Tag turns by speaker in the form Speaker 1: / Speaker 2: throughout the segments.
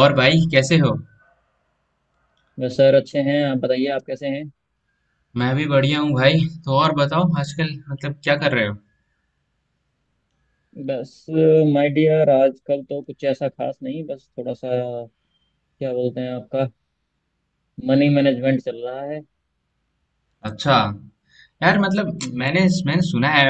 Speaker 1: और भाई कैसे हो?
Speaker 2: बस, सर, अच्छे हैं। आप बताइए, आप कैसे हैं।
Speaker 1: मैं भी बढ़िया हूँ भाई। तो और बताओ आजकल मतलब क्या कर रहे हो?
Speaker 2: बस, माय डियर, आजकल तो कुछ ऐसा खास नहीं, बस थोड़ा सा क्या बोलते हैं आपका, मनी मैनेजमेंट चल रहा है।
Speaker 1: अच्छा। यार मतलब
Speaker 2: हम्म।
Speaker 1: मैंने मैंने सुना है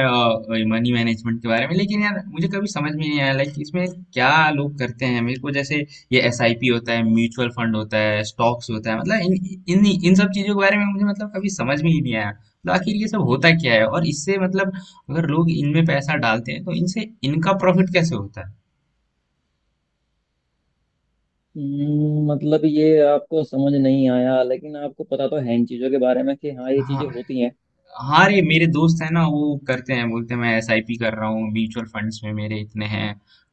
Speaker 1: मनी मैनेजमेंट के बारे में, लेकिन यार मुझे कभी समझ में नहीं आया। लाइक इसमें क्या लोग करते हैं मेरे को? जैसे ये एसआईपी होता है, म्यूचुअल फंड होता है, स्टॉक्स होता है। मतलब इन इन इन सब चीजों के बारे में मुझे मतलब कभी समझ में ही नहीं आया। तो आखिर ये सब होता क्या है, और इससे मतलब अगर लोग इनमें पैसा डालते हैं तो इनसे इनका प्रॉफिट कैसे होता है?
Speaker 2: हम्म। मतलब, ये आपको समझ नहीं आया, लेकिन आपको पता तो है इन चीज़ों के बारे में कि हाँ, ये
Speaker 1: हाँ।
Speaker 2: चीज़ें होती हैं।
Speaker 1: हाँ रे, मेरे दोस्त है ना वो करते हैं, बोलते हैं मैं एसआईपी कर रहा हूँ म्यूचुअल फंड्स में, मेरे इतने हैं।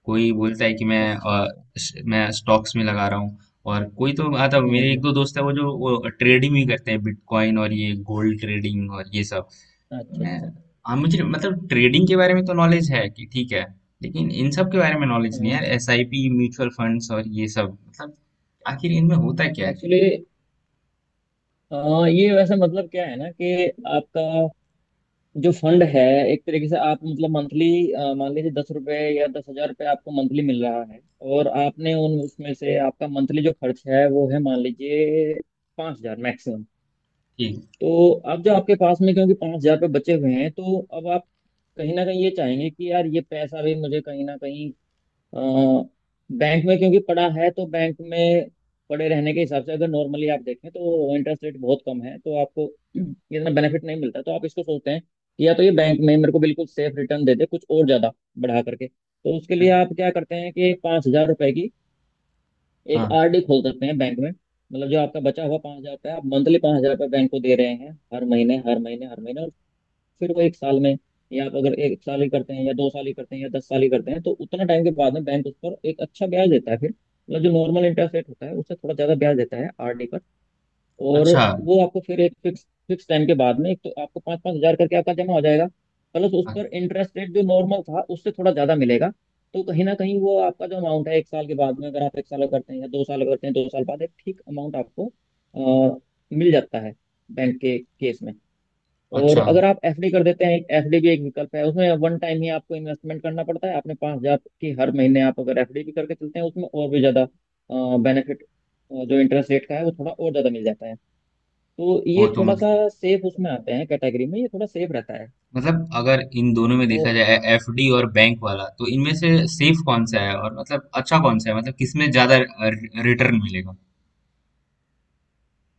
Speaker 1: कोई बोलता है कि मैं
Speaker 2: अच्छा,
Speaker 1: अ,
Speaker 2: अच्छा।
Speaker 1: श- मैं स्टॉक्स में लगा रहा हूँ। और कोई तो आता,
Speaker 2: हम्म।
Speaker 1: मेरे एक
Speaker 2: हम्म।
Speaker 1: दो दोस्त है वो, जो वो ट्रेडिंग भी करते हैं बिटकॉइन और ये गोल्ड ट्रेडिंग और ये सब। तो
Speaker 2: अच्छा,
Speaker 1: मैं
Speaker 2: अच्छा।
Speaker 1: हाँ मुझे मतलब ट्रेडिंग के बारे में तो नॉलेज है कि ठीक है, लेकिन इन सब के बारे में नॉलेज नहीं है यार, एसआईपी म्यूचुअल फंड्स और ये सब। मतलब आखिर इनमें होता क्या है?
Speaker 2: एक्चुअली, ये वैसे मतलब क्या है ना कि आपका जो फंड है, एक तरीके से आप मतलब मंथली, मान लीजिए 10 रुपए या 10,000 रुपये आपको मंथली मिल रहा है। और आपने उन उसमें से आपका मंथली जो खर्च है वो है, मान लीजिए, 5,000 मैक्सिमम।
Speaker 1: ठीक।
Speaker 2: तो अब जो आपके पास में क्योंकि 5,000 रुपये बचे हुए हैं, तो अब आप कहीं ना कहीं ये चाहेंगे कि यार, ये पैसा भी मुझे कहीं ना कहीं अ, बैंक में क्योंकि पड़ा है, तो बैंक में पड़े रहने के हिसाब से अगर नॉर्मली आप देखें तो इंटरेस्ट रेट बहुत कम है, तो आपको इतना बेनिफिट नहीं मिलता। तो आप इसको सोचते हैं कि या तो ये बैंक में मेरे को बिल्कुल सेफ रिटर्न दे दे कुछ और ज्यादा बढ़ा करके। तो उसके लिए आप क्या करते हैं कि 5,000 रुपए की एक
Speaker 1: हाँ।
Speaker 2: आरडी खोल सकते हैं बैंक में, मतलब जो आपका बचा हुआ 5,000 रुपये, आप मंथली 5,000 रुपये बैंक को दे रहे हैं हर महीने, हर महीने, हर महीने। और फिर वो एक साल में, या आप अगर एक साल ही करते हैं या 2 साल ही करते हैं या 10 साल ही करते हैं, तो उतना टाइम के बाद में बैंक उस पर एक अच्छा ब्याज देता है। फिर मतलब जो नॉर्मल इंटरेस्ट रेट होता है उससे थोड़ा ज्यादा ब्याज देता है आरडी पर। और
Speaker 1: अच्छा।
Speaker 2: वो आपको फिर एक फिक्स फिक्स टाइम के बाद में, एक तो आपको पाँच पाँच हजार करके आपका जमा हो जाएगा, प्लस उस
Speaker 1: अ-
Speaker 2: पर इंटरेस्ट रेट जो नॉर्मल था उससे थोड़ा ज्यादा मिलेगा। तो कहीं ना कहीं वो आपका जो अमाउंट है एक साल के बाद में, अगर आप एक साल करते हैं या 2 साल करते हैं, 2 साल बाद एक ठीक अमाउंट आपको अ, मिल जाता है बैंक के केस में। और
Speaker 1: अच्छा।
Speaker 2: अगर आप एफडी कर देते हैं, एक एफडी भी एक विकल्प है। उसमें वन टाइम ही आपको इन्वेस्टमेंट करना पड़ता है। आपने 5,000 की हर महीने, आप अगर एफडी भी करके चलते हैं, उसमें और भी ज्यादा बेनिफिट जो इंटरेस्ट रेट का है वो थोड़ा और ज्यादा मिल जाता है। तो ये
Speaker 1: वो तो
Speaker 2: थोड़ा
Speaker 1: मतलब,
Speaker 2: सा सेफ उसमें आते हैं कैटेगरी में, ये थोड़ा सेफ रहता है।
Speaker 1: मतलब अगर इन दोनों में
Speaker 2: तो
Speaker 1: देखा जाए, एफडी और बैंक वाला, तो इनमें से सेफ कौन सा है, और मतलब अच्छा कौन सा है, मतलब किसमें ज्यादा रिटर्न मिलेगा?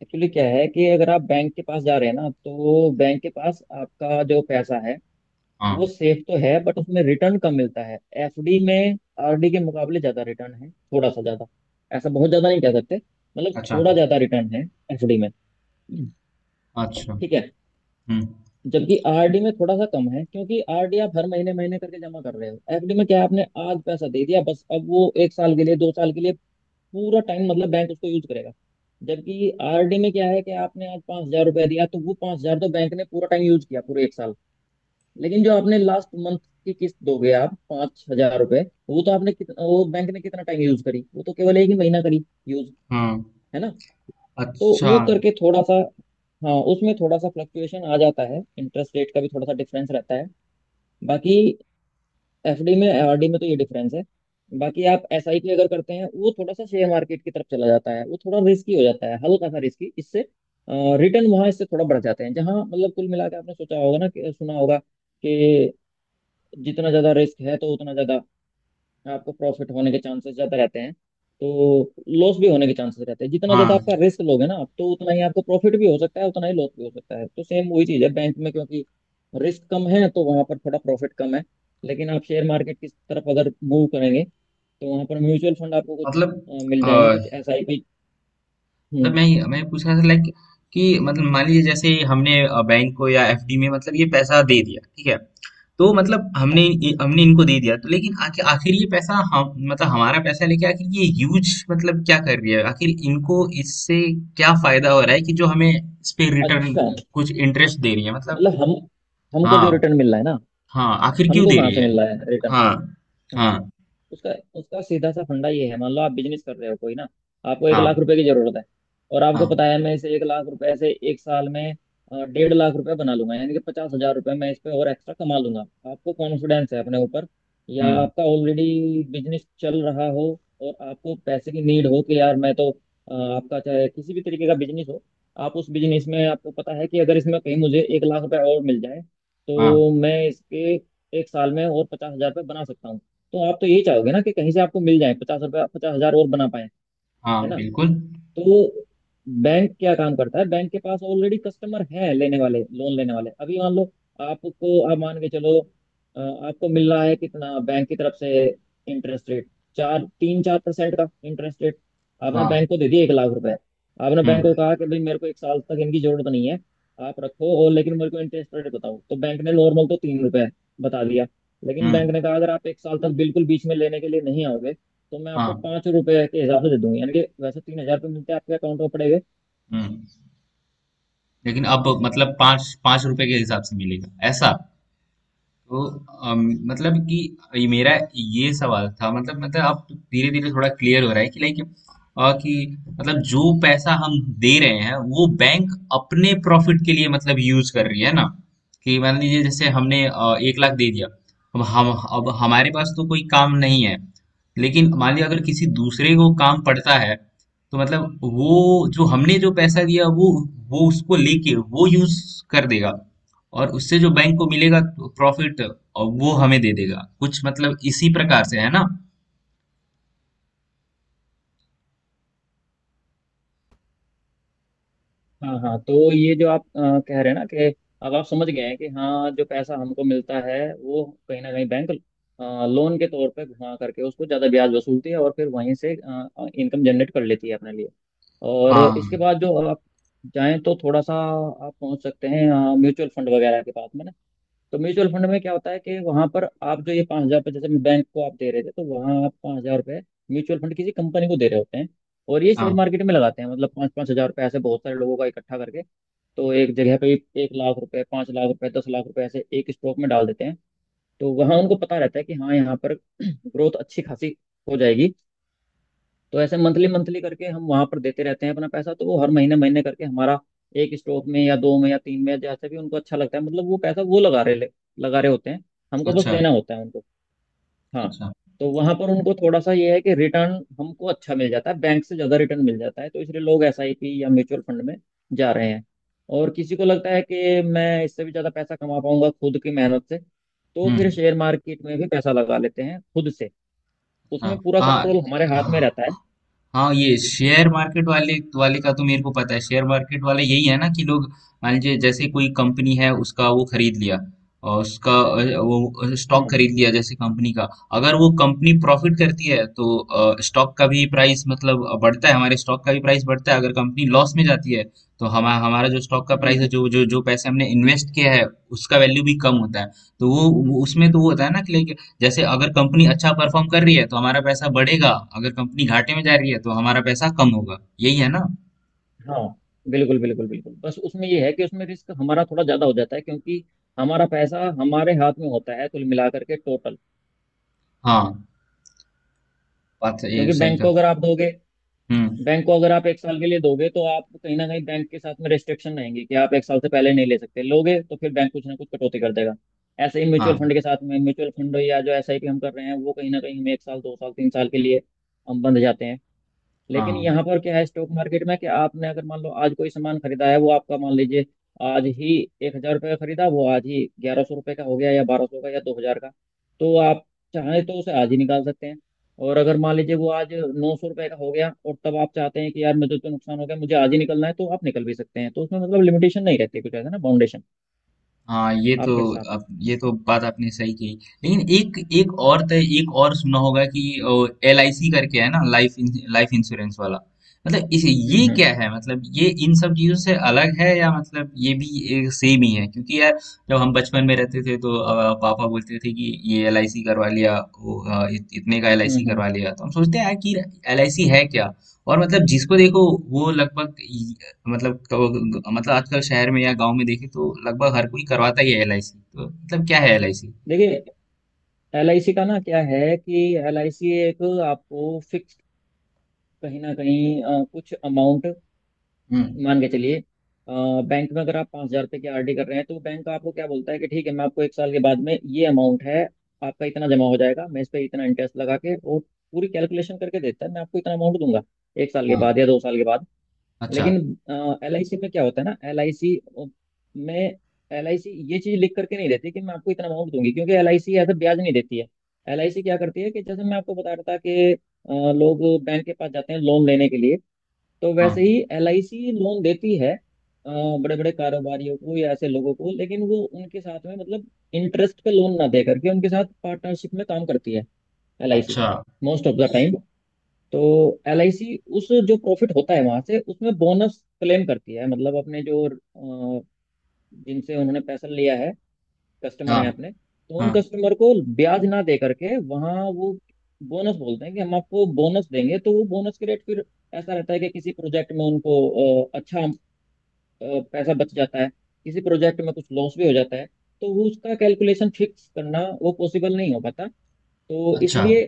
Speaker 2: एक्चुअली क्या है कि अगर आप बैंक के पास जा रहे हैं ना, तो बैंक के पास आपका जो पैसा है वो
Speaker 1: हाँ।
Speaker 2: सेफ तो है, बट उसमें रिटर्न कम मिलता है। एफडी में आरडी के मुकाबले ज्यादा रिटर्न है, थोड़ा सा ज्यादा। ऐसा बहुत ज्यादा नहीं कह सकते, मतलब
Speaker 1: अच्छा।
Speaker 2: थोड़ा ज्यादा रिटर्न है एफडी में।
Speaker 1: अच्छा।
Speaker 2: ठीक है।
Speaker 1: हम्म।
Speaker 2: जबकि आरडी में थोड़ा सा कम है, क्योंकि आरडी आप हर महीने महीने करके जमा कर रहे हो। एफडी में क्या है, आपने आज पैसा दे दिया, बस अब वो एक साल के लिए, 2 साल के लिए पूरा टाइम मतलब बैंक उसको यूज करेगा। जबकि आरडी में क्या है कि आपने आज 5,000 रुपया दिया, तो वो 5,000 तो बैंक ने पूरा टाइम यूज किया, पूरे एक साल। लेकिन जो आपने लास्ट मंथ की किस्त दोगे आप 5,000 रुपए, वो तो आपने कितना, वो बैंक ने कितना टाइम यूज करी? वो तो केवल एक ही महीना करी यूज,
Speaker 1: हाँ।
Speaker 2: है ना। तो
Speaker 1: अच्छा।
Speaker 2: वो करके थोड़ा सा, हाँ, उसमें थोड़ा सा फ्लक्चुएशन आ जाता है, इंटरेस्ट रेट का भी थोड़ा सा डिफरेंस रहता है। बाकी एफडी में आरडी में तो ये डिफरेंस है। बाकी आप एसआईपी अगर करते हैं, वो थोड़ा सा शेयर मार्केट की तरफ चला जाता है, वो थोड़ा रिस्की हो जाता है, हल्का सा रिस्की इससे। रिटर्न वहां इससे थोड़ा बढ़ जाते हैं, जहाँ मतलब कुल मिला के आपने सोचा होगा ना कि सुना होगा कि जितना ज़्यादा रिस्क है, तो उतना ज़्यादा आपको प्रॉफिट होने के चांसेस ज़्यादा रहते हैं। तो लॉस भी होने के चांसेस रहते हैं, जितना ज़्यादा
Speaker 1: हाँ।
Speaker 2: आपका रिस्क लोगे ना आप, तो उतना ही आपको प्रॉफिट भी हो सकता है, उतना ही लॉस भी हो सकता है। तो सेम वही चीज़ है, बैंक में क्योंकि रिस्क कम है तो वहाँ पर थोड़ा प्रॉफिट कम है। लेकिन आप शेयर मार्केट की तरफ अगर मूव करेंगे, तो वहाँ पर म्यूचुअल फंड आपको कुछ
Speaker 1: मतलब
Speaker 2: मिल
Speaker 1: अ,
Speaker 2: जाएंगे, कुछ एसआईपी।
Speaker 1: मतलब
Speaker 2: हम्म।
Speaker 1: मैं पूछ रहा था, लाइक कि मतलब मान लीजिए जैसे हमने बैंक को या एफडी में मतलब ये पैसा दे दिया, ठीक है। तो मतलब हमने
Speaker 2: हाँ,
Speaker 1: हमने इनको दे दिया, तो लेकिन आखिर आखिर ये पैसा हम मतलब हमारा पैसा लेके आखिर ये यूज मतलब क्या कर रही है, आखिर इनको इससे क्या फायदा हो रहा है कि जो हमें इस पे रिटर्न
Speaker 2: अच्छा,
Speaker 1: कुछ इंटरेस्ट दे रही है मतलब?
Speaker 2: मतलब हम हमको जो
Speaker 1: हाँ।
Speaker 2: रिटर्न मिल रहा है ना,
Speaker 1: हाँ आखिर क्यों
Speaker 2: हमको
Speaker 1: दे
Speaker 2: कहाँ
Speaker 1: रही
Speaker 2: से
Speaker 1: है?
Speaker 2: मिल रहा है रिटर्न।
Speaker 1: हाँ। हाँ।
Speaker 2: उसका उसका सीधा सा फंडा ये है, मान लो आप बिजनेस कर रहे हो कोई ना। आपको एक
Speaker 1: हाँ।
Speaker 2: लाख रुपए की जरूरत है, और आपको
Speaker 1: हाँ।
Speaker 2: पता है मैं इसे 1 लाख रुपए से एक साल में 1.5 लाख रुपए बना लूंगा, यानी कि 50,000 रुपए मैं इस पे और एक्स्ट्रा कमा लूंगा। आपको कॉन्फिडेंस है अपने ऊपर, या
Speaker 1: हम्म।
Speaker 2: आपका ऑलरेडी बिजनेस चल रहा हो, और आपको पैसे की नीड हो कि यार, मैं तो आपका चाहे किसी भी तरीके का बिजनेस हो, आप उस बिजनेस में आपको पता है कि अगर इसमें कहीं मुझे 1 लाख रुपए और मिल जाए,
Speaker 1: हाँ।
Speaker 2: तो मैं इसके एक साल में और 50,000 रुपये बना सकता हूँ। तो आप तो यही चाहोगे ना कि कहीं से आपको मिल जाए 50 रुपया, 50,000 और बना पाए, है
Speaker 1: हाँ
Speaker 2: ना।
Speaker 1: बिल्कुल।
Speaker 2: तो बैंक क्या काम करता है, बैंक के पास ऑलरेडी कस्टमर है लेने वाले, लोन लेने वाले। अभी मान लो आपको, आप मान के चलो अ, आपको मिल रहा है कितना बैंक की तरफ से, इंटरेस्ट रेट, चार तीन 4% का इंटरेस्ट रेट। आपने
Speaker 1: हाँ।
Speaker 2: बैंक को दे दिया 1 लाख रुपए। आपने बैंक
Speaker 1: हम्म।
Speaker 2: को कहा कि भाई, मेरे को एक साल तक इनकी जरूरत नहीं है, आप रखो, और लेकिन मेरे को इंटरेस्ट रेट बताओ। तो बैंक ने नॉर्मल तो 3 रुपए बता दिया, लेकिन बैंक
Speaker 1: हम्म।
Speaker 2: ने कहा अगर आप एक साल तक बिल्कुल बीच में लेने के लिए नहीं आओगे तो मैं आपको
Speaker 1: हाँ।
Speaker 2: 5 रुपए के हिसाब से दे दूंगी, यानी कि वैसे 3,000 रुपये मिलते हैं आपके अकाउंट में
Speaker 1: हम्म।
Speaker 2: पड़ेंगे।
Speaker 1: लेकिन अब मतलब पाँच पाँच रुपए के हिसाब से मिलेगा ऐसा। तो अम, मतलब कि ये मेरा ये सवाल था, मतलब अब धीरे धीरे थोड़ा क्लियर हो रहा है कि लाइक कि मतलब जो पैसा हम दे रहे हैं वो बैंक अपने प्रॉफिट के लिए मतलब यूज कर रही है ना, कि मान लीजिए जैसे हमने एक लाख दे दिया। अब हमारे पास तो कोई काम नहीं है, लेकिन मान लीजिए अगर किसी दूसरे को काम पड़ता है, तो मतलब वो जो हमने जो पैसा दिया वो उसको लेके वो यूज कर देगा, और उससे जो बैंक को मिलेगा प्रॉफिट, और वो हमें दे देगा कुछ। मतलब इसी प्रकार से है ना?
Speaker 2: हाँ, हाँ, तो ये जो आप कह रहे हैं ना कि अब आप समझ गए हैं कि हाँ, जो पैसा हमको मिलता है वो कहीं ना कहीं बैंक लोन के तौर पे घुमा करके उसको ज़्यादा ब्याज वसूलती है और फिर वहीं से इनकम जनरेट कर लेती है अपने लिए। और इसके
Speaker 1: हाँ।
Speaker 2: बाद जो आप चाहें तो थोड़ा सा आप पहुंच सकते हैं म्यूचुअल फंड वगैरह के पास में ना। तो म्यूचुअल फंड में क्या होता है कि वहां पर आप जो ये 5,000 रुपये जैसे बैंक को आप दे रहे थे, तो वहां आप 5,000 रुपये म्यूचुअल फंड किसी कंपनी को दे रहे होते हैं और ये शेयर
Speaker 1: हाँ।
Speaker 2: मार्केट में लगाते हैं, मतलब पाँच पाँच हजार रुपये ऐसे बहुत सारे लोगों का इकट्ठा करके, तो एक जगह पे 1 लाख रुपए, 5 लाख रुपए, 10 लाख रुपए ऐसे एक स्टॉक में डाल देते हैं। तो वहां उनको पता रहता है कि हाँ, यहाँ पर ग्रोथ अच्छी खासी हो जाएगी। तो ऐसे मंथली मंथली करके हम वहां पर देते रहते हैं अपना पैसा, तो वो हर महीने महीने करके हमारा एक स्टॉक में या दो में या तीन में, जैसे भी उनको अच्छा लगता है, मतलब वो पैसा वो लगा रहे होते हैं। हमको बस
Speaker 1: अच्छा।
Speaker 2: देना होता है उनको। हाँ।
Speaker 1: अच्छा।
Speaker 2: तो वहां पर उनको थोड़ा सा ये है कि रिटर्न हमको अच्छा मिल जाता है, बैंक से ज्यादा रिटर्न मिल जाता है, तो इसलिए लोग एसआईपी या म्यूचुअल फंड में जा रहे हैं। और किसी को लगता है कि मैं इससे भी ज्यादा पैसा कमा पाऊंगा खुद की मेहनत से, तो फिर
Speaker 1: हम्म।
Speaker 2: शेयर मार्केट में भी पैसा लगा लेते हैं खुद से।
Speaker 1: हाँ।
Speaker 2: उसमें पूरा
Speaker 1: हाँ।
Speaker 2: कंट्रोल हमारे हाथ
Speaker 1: हाँ।
Speaker 2: में रहता है।
Speaker 1: हाँ ये शेयर मार्केट वाले वाले का तो मेरे को पता है। शेयर मार्केट वाले यही है ना कि लोग मान लीजिए जैसे कोई कंपनी है, उसका वो खरीद लिया, और उसका वो स्टॉक
Speaker 2: हाँ।
Speaker 1: खरीद लिया जैसे कंपनी का। अगर वो कंपनी प्रॉफिट करती है तो स्टॉक का भी प्राइस मतलब बढ़ता है, हमारे स्टॉक का भी प्राइस बढ़ता है। अगर कंपनी लॉस में जाती है तो हमारा हमारा जो स्टॉक का
Speaker 2: हम्म।
Speaker 1: प्राइस है,
Speaker 2: हम्म।
Speaker 1: जो जो जो पैसे हमने इन्वेस्ट किया है, उसका वैल्यू भी कम होता है। तो उसमें तो वो होता है ना कि लाइक जैसे अगर कंपनी अच्छा परफॉर्म कर रही है तो हमारा पैसा बढ़ेगा, अगर कंपनी घाटे में जा रही है तो हमारा पैसा कम होगा। यही है ना?
Speaker 2: हाँ, बिल्कुल, बिल्कुल, बिल्कुल, बस उसमें ये है कि उसमें रिस्क हमारा थोड़ा ज्यादा हो जाता है, क्योंकि हमारा पैसा हमारे हाथ में होता है कुल मिलाकर के, टोटल।
Speaker 1: हाँ बात, ये
Speaker 2: क्योंकि
Speaker 1: सही कहा। हम्म।
Speaker 2: बैंक को अगर आप एक साल के लिए दोगे तो आप कहीं ना कहीं बैंक के साथ में रेस्ट्रिक्शन रहेंगी कि आप एक साल से पहले नहीं ले सकते, लोगे तो फिर बैंक कुछ ना कुछ कटौती कर देगा। ऐसे ही म्यूचुअल
Speaker 1: हाँ।
Speaker 2: फंड के साथ में, म्यूचुअल फंड या जो एसआईपी हम कर रहे हैं, वो कहीं ना कहीं हमें एक साल, 2 साल, 3 साल के लिए हम बंध जाते हैं। लेकिन
Speaker 1: हाँ।
Speaker 2: यहाँ पर क्या है स्टॉक मार्केट में कि आपने अगर मान लो आज कोई सामान खरीदा है, वो आपका मान लीजिए आज ही 1,000 रुपये का खरीदा, वो आज ही 1,100 रुपये का हो गया या 1,200 का या 2,000 का, तो आप चाहें तो उसे आज ही निकाल सकते हैं। और अगर मान लीजिए वो आज 900 रुपये का हो गया और तब आप चाहते हैं कि यार, मुझे तो नुकसान हो गया, मुझे आज ही निकलना है तो आप निकल भी सकते हैं। तो उसमें मतलब लिमिटेशन नहीं रहती, कुछ ऐसा ना, बाउंडेशन
Speaker 1: हाँ
Speaker 2: आपके साथ में।
Speaker 1: ये तो बात आपने सही कही। लेकिन एक एक और तो एक और सुना होगा कि एल आई सी करके है ना, लाइफ लाइफ इंश्योरेंस वाला। मतलब इसे ये
Speaker 2: हम्म, हम्म,
Speaker 1: क्या है, मतलब ये इन सब चीजों से अलग है, या मतलब ये भी एक सेम ही है? क्योंकि यार जब हम बचपन में रहते थे तो पापा बोलते थे कि ये एल आई सी करवा लिया, वो, इतने का एल आई
Speaker 2: हम्म,
Speaker 1: सी करवा लिया। तो हम सोचते हैं यार कि एल आई सी है क्या। और मतलब जिसको देखो वो लगभग, मतलब मतलब आजकल शहर में या गांव में देखें तो लगभग हर कोई करवाता ही है एलआईसी। तो मतलब क्या है एलआईसी?
Speaker 2: देखिए, LIC का ना क्या है कि एल आई सी एक आपको फिक्स कहीं ना कहीं कुछ अमाउंट,
Speaker 1: हम्म।
Speaker 2: मान के चलिए, बैंक में अगर आप 5,000 रुपये की RD कर रहे हैं तो बैंक आपको क्या बोलता है कि ठीक है, मैं आपको एक साल के बाद में ये अमाउंट है, आपका इतना जमा हो जाएगा, मैं इस पे इतना इंटरेस्ट लगा के और पूरी कैलकुलेशन करके देता है मैं आपको इतना अमाउंट दूंगा एक साल के
Speaker 1: हाँ।
Speaker 2: बाद या 2 साल के बाद।
Speaker 1: अच्छा।
Speaker 2: लेकिन एल आई सी में क्या होता है ना, एल आई सी में एल आई सी ये चीज लिख करके नहीं देती कि मैं आपको इतना अमाउंट दूंगी, क्योंकि एल आई सी ऐसा ब्याज नहीं देती है। एल आई सी क्या करती है कि जैसे मैं आपको बता रहा था कि लोग बैंक के पास जाते हैं लोन लेने के लिए, तो
Speaker 1: हाँ।
Speaker 2: वैसे ही एल आई सी लोन देती है बड़े बड़े कारोबारियों को या ऐसे लोगों को, लेकिन वो उनके साथ में मतलब इंटरेस्ट पे लोन ना दे करके उनके साथ पार्टनरशिप में काम करती है एल आई सी,
Speaker 1: अच्छा।
Speaker 2: Most of the time. तो एल आई सी उस जो प्रॉफिट होता है वहां से उसमें बोनस क्लेम करती है, मतलब अपने जो अ, जिनसे उन्होंने पैसा लिया है कस्टमर
Speaker 1: हाँ।
Speaker 2: हैं अपने, तो उन
Speaker 1: हाँ।
Speaker 2: कस्टमर को ब्याज ना दे करके वहाँ वो बोनस बोलते हैं कि हम आपको बोनस देंगे। तो वो बोनस के रेट फिर ऐसा रहता है कि किसी प्रोजेक्ट में उनको अच्छा पैसा बच जाता है, किसी प्रोजेक्ट में कुछ लॉस भी हो जाता है, तो वो उसका कैलकुलेशन फिक्स करना वो पॉसिबल नहीं हो पाता। तो
Speaker 1: अच्छा।
Speaker 2: इसलिए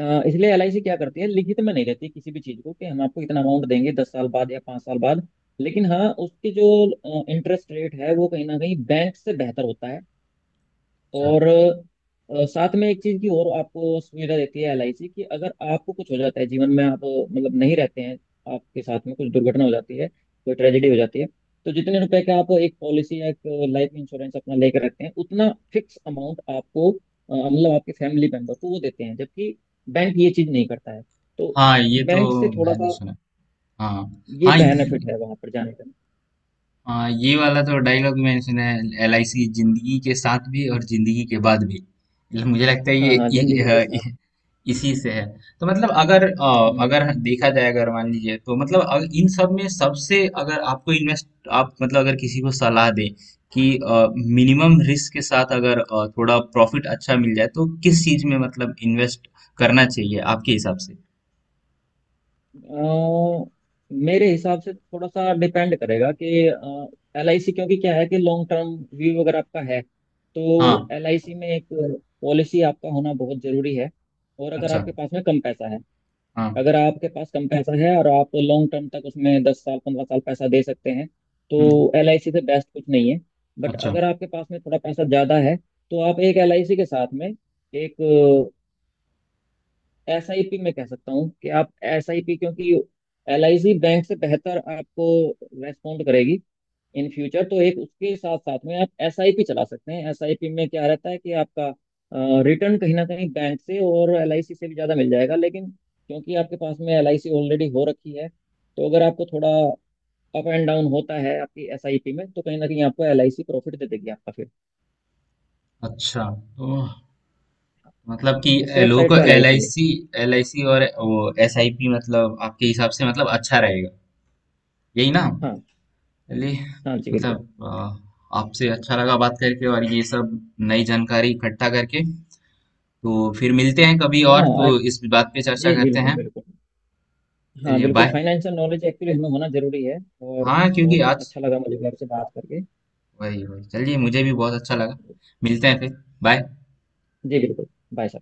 Speaker 2: अ, इसलिए LIC क्या करती है, लिखित में नहीं रहती किसी भी चीज़ को कि हम आपको इतना अमाउंट देंगे 10 साल बाद या 5 साल बाद। लेकिन हाँ, उसकी जो इंटरेस्ट रेट है वो कहीं ना कहीं बैंक से बेहतर होता है।
Speaker 1: अच्छा।
Speaker 2: और साथ में एक चीज की और आपको सुविधा देती है LIC, कि अगर आपको कुछ हो जाता है जीवन में, आप मतलब नहीं रहते हैं, आपके साथ में कुछ दुर्घटना हो जाती है, कोई ट्रेजेडी हो जाती है, तो जितने रुपए का आप एक पॉलिसी या एक लाइफ इंश्योरेंस अपना लेकर रखते हैं उतना फिक्स अमाउंट आपको, मतलब आपके फैमिली मेंबर को वो देते हैं, जबकि बैंक ये चीज नहीं करता है। तो
Speaker 1: हाँ ये तो
Speaker 2: बैंक से थोड़ा
Speaker 1: मैंने
Speaker 2: सा
Speaker 1: सुना। हाँ
Speaker 2: ये
Speaker 1: हाँ
Speaker 2: बेनिफिट
Speaker 1: ये-
Speaker 2: है वहां पर जाने का।
Speaker 1: हाँ ये वाला तो डायलॉग मैंने सुना है। एल आई सी जिंदगी के साथ भी और जिंदगी के बाद भी। मतलब मुझे लगता है
Speaker 2: हाँ
Speaker 1: ये
Speaker 2: हाँ, जिंदगी के साथ।
Speaker 1: इसी से है। तो मतलब अगर अ,
Speaker 2: हम्म।
Speaker 1: अगर देखा जाए, अगर मान लीजिए, तो मतलब इन सब में सबसे, अगर आपको इन्वेस्ट, आप मतलब अगर किसी को सलाह दें कि मिनिमम रिस्क के साथ अगर थोड़ा प्रॉफिट अच्छा मिल जाए तो किस चीज में मतलब इन्वेस्ट करना चाहिए आपके हिसाब से?
Speaker 2: अ, मेरे हिसाब से थोड़ा सा डिपेंड करेगा कि एल आई सी, क्योंकि क्या है कि लॉन्ग टर्म व्यू अगर आपका है तो
Speaker 1: हाँ।
Speaker 2: एल आई सी में एक पॉलिसी आपका होना बहुत जरूरी है। और अगर
Speaker 1: अच्छा।
Speaker 2: आपके पास में कम पैसा है,
Speaker 1: हाँ।
Speaker 2: अगर आपके पास कम पैसा है और आप लॉन्ग टर्म तक उसमें 10 साल 15 साल पैसा दे सकते हैं
Speaker 1: हम्म।
Speaker 2: तो एल आई सी से बेस्ट कुछ नहीं है। बट
Speaker 1: अच्छा।
Speaker 2: अगर आपके पास में थोड़ा पैसा ज़्यादा है तो आप एक एल आई सी के साथ में एक SIP, मैं कह सकता हूँ कि आप एस आई पी, क्योंकि एल आई सी बैंक से बेहतर आपको रेस्पॉन्ड करेगी इन फ्यूचर। तो एक उसके साथ साथ में आप एस आई पी चला सकते हैं। एस आई पी में क्या रहता है कि आपका रिटर्न कहीं ना कहीं बैंक से और एल आई सी से भी ज़्यादा मिल जाएगा, लेकिन क्योंकि आपके पास में एल आई सी ऑलरेडी हो रखी है तो अगर आपको थोड़ा अप एंड डाउन होता है आपकी एस आई पी में तो कहीं ना कहीं आपको एल आई सी प्रॉफिट दे देगी आपका फिर।
Speaker 1: अच्छा। तो मतलब कि
Speaker 2: तो सेफ
Speaker 1: लोगों
Speaker 2: साइड
Speaker 1: को
Speaker 2: का L I
Speaker 1: L I
Speaker 2: C है।
Speaker 1: सी एल आई सी और वो एस आई पी, मतलब आपके हिसाब से मतलब अच्छा रहेगा, यही ना?
Speaker 2: हाँ,
Speaker 1: चलिए।
Speaker 2: हाँ जी बिल्कुल।
Speaker 1: मतलब आपसे अच्छा लगा बात करके और ये सब नई जानकारी इकट्ठा करके। तो फिर मिलते हैं कभी और तो
Speaker 2: हाँ
Speaker 1: इस बात पे चर्चा
Speaker 2: जी
Speaker 1: करते
Speaker 2: बिल्कुल
Speaker 1: हैं।
Speaker 2: बिल्कुल। हाँ
Speaker 1: चलिए
Speaker 2: बिल्कुल,
Speaker 1: बाय।
Speaker 2: फाइनेंशियल नॉलेज एक्चुअली हमें होना जरूरी है। और
Speaker 1: हाँ क्योंकि
Speaker 2: बहुत
Speaker 1: आज।
Speaker 2: अच्छा लगा मुझे भी आपसे बात करके।
Speaker 1: वही वही, चलिए मुझे भी बहुत अच्छा लगा। मिलते हैं फिर। बाय।
Speaker 2: जी बिल्कुल। बाय।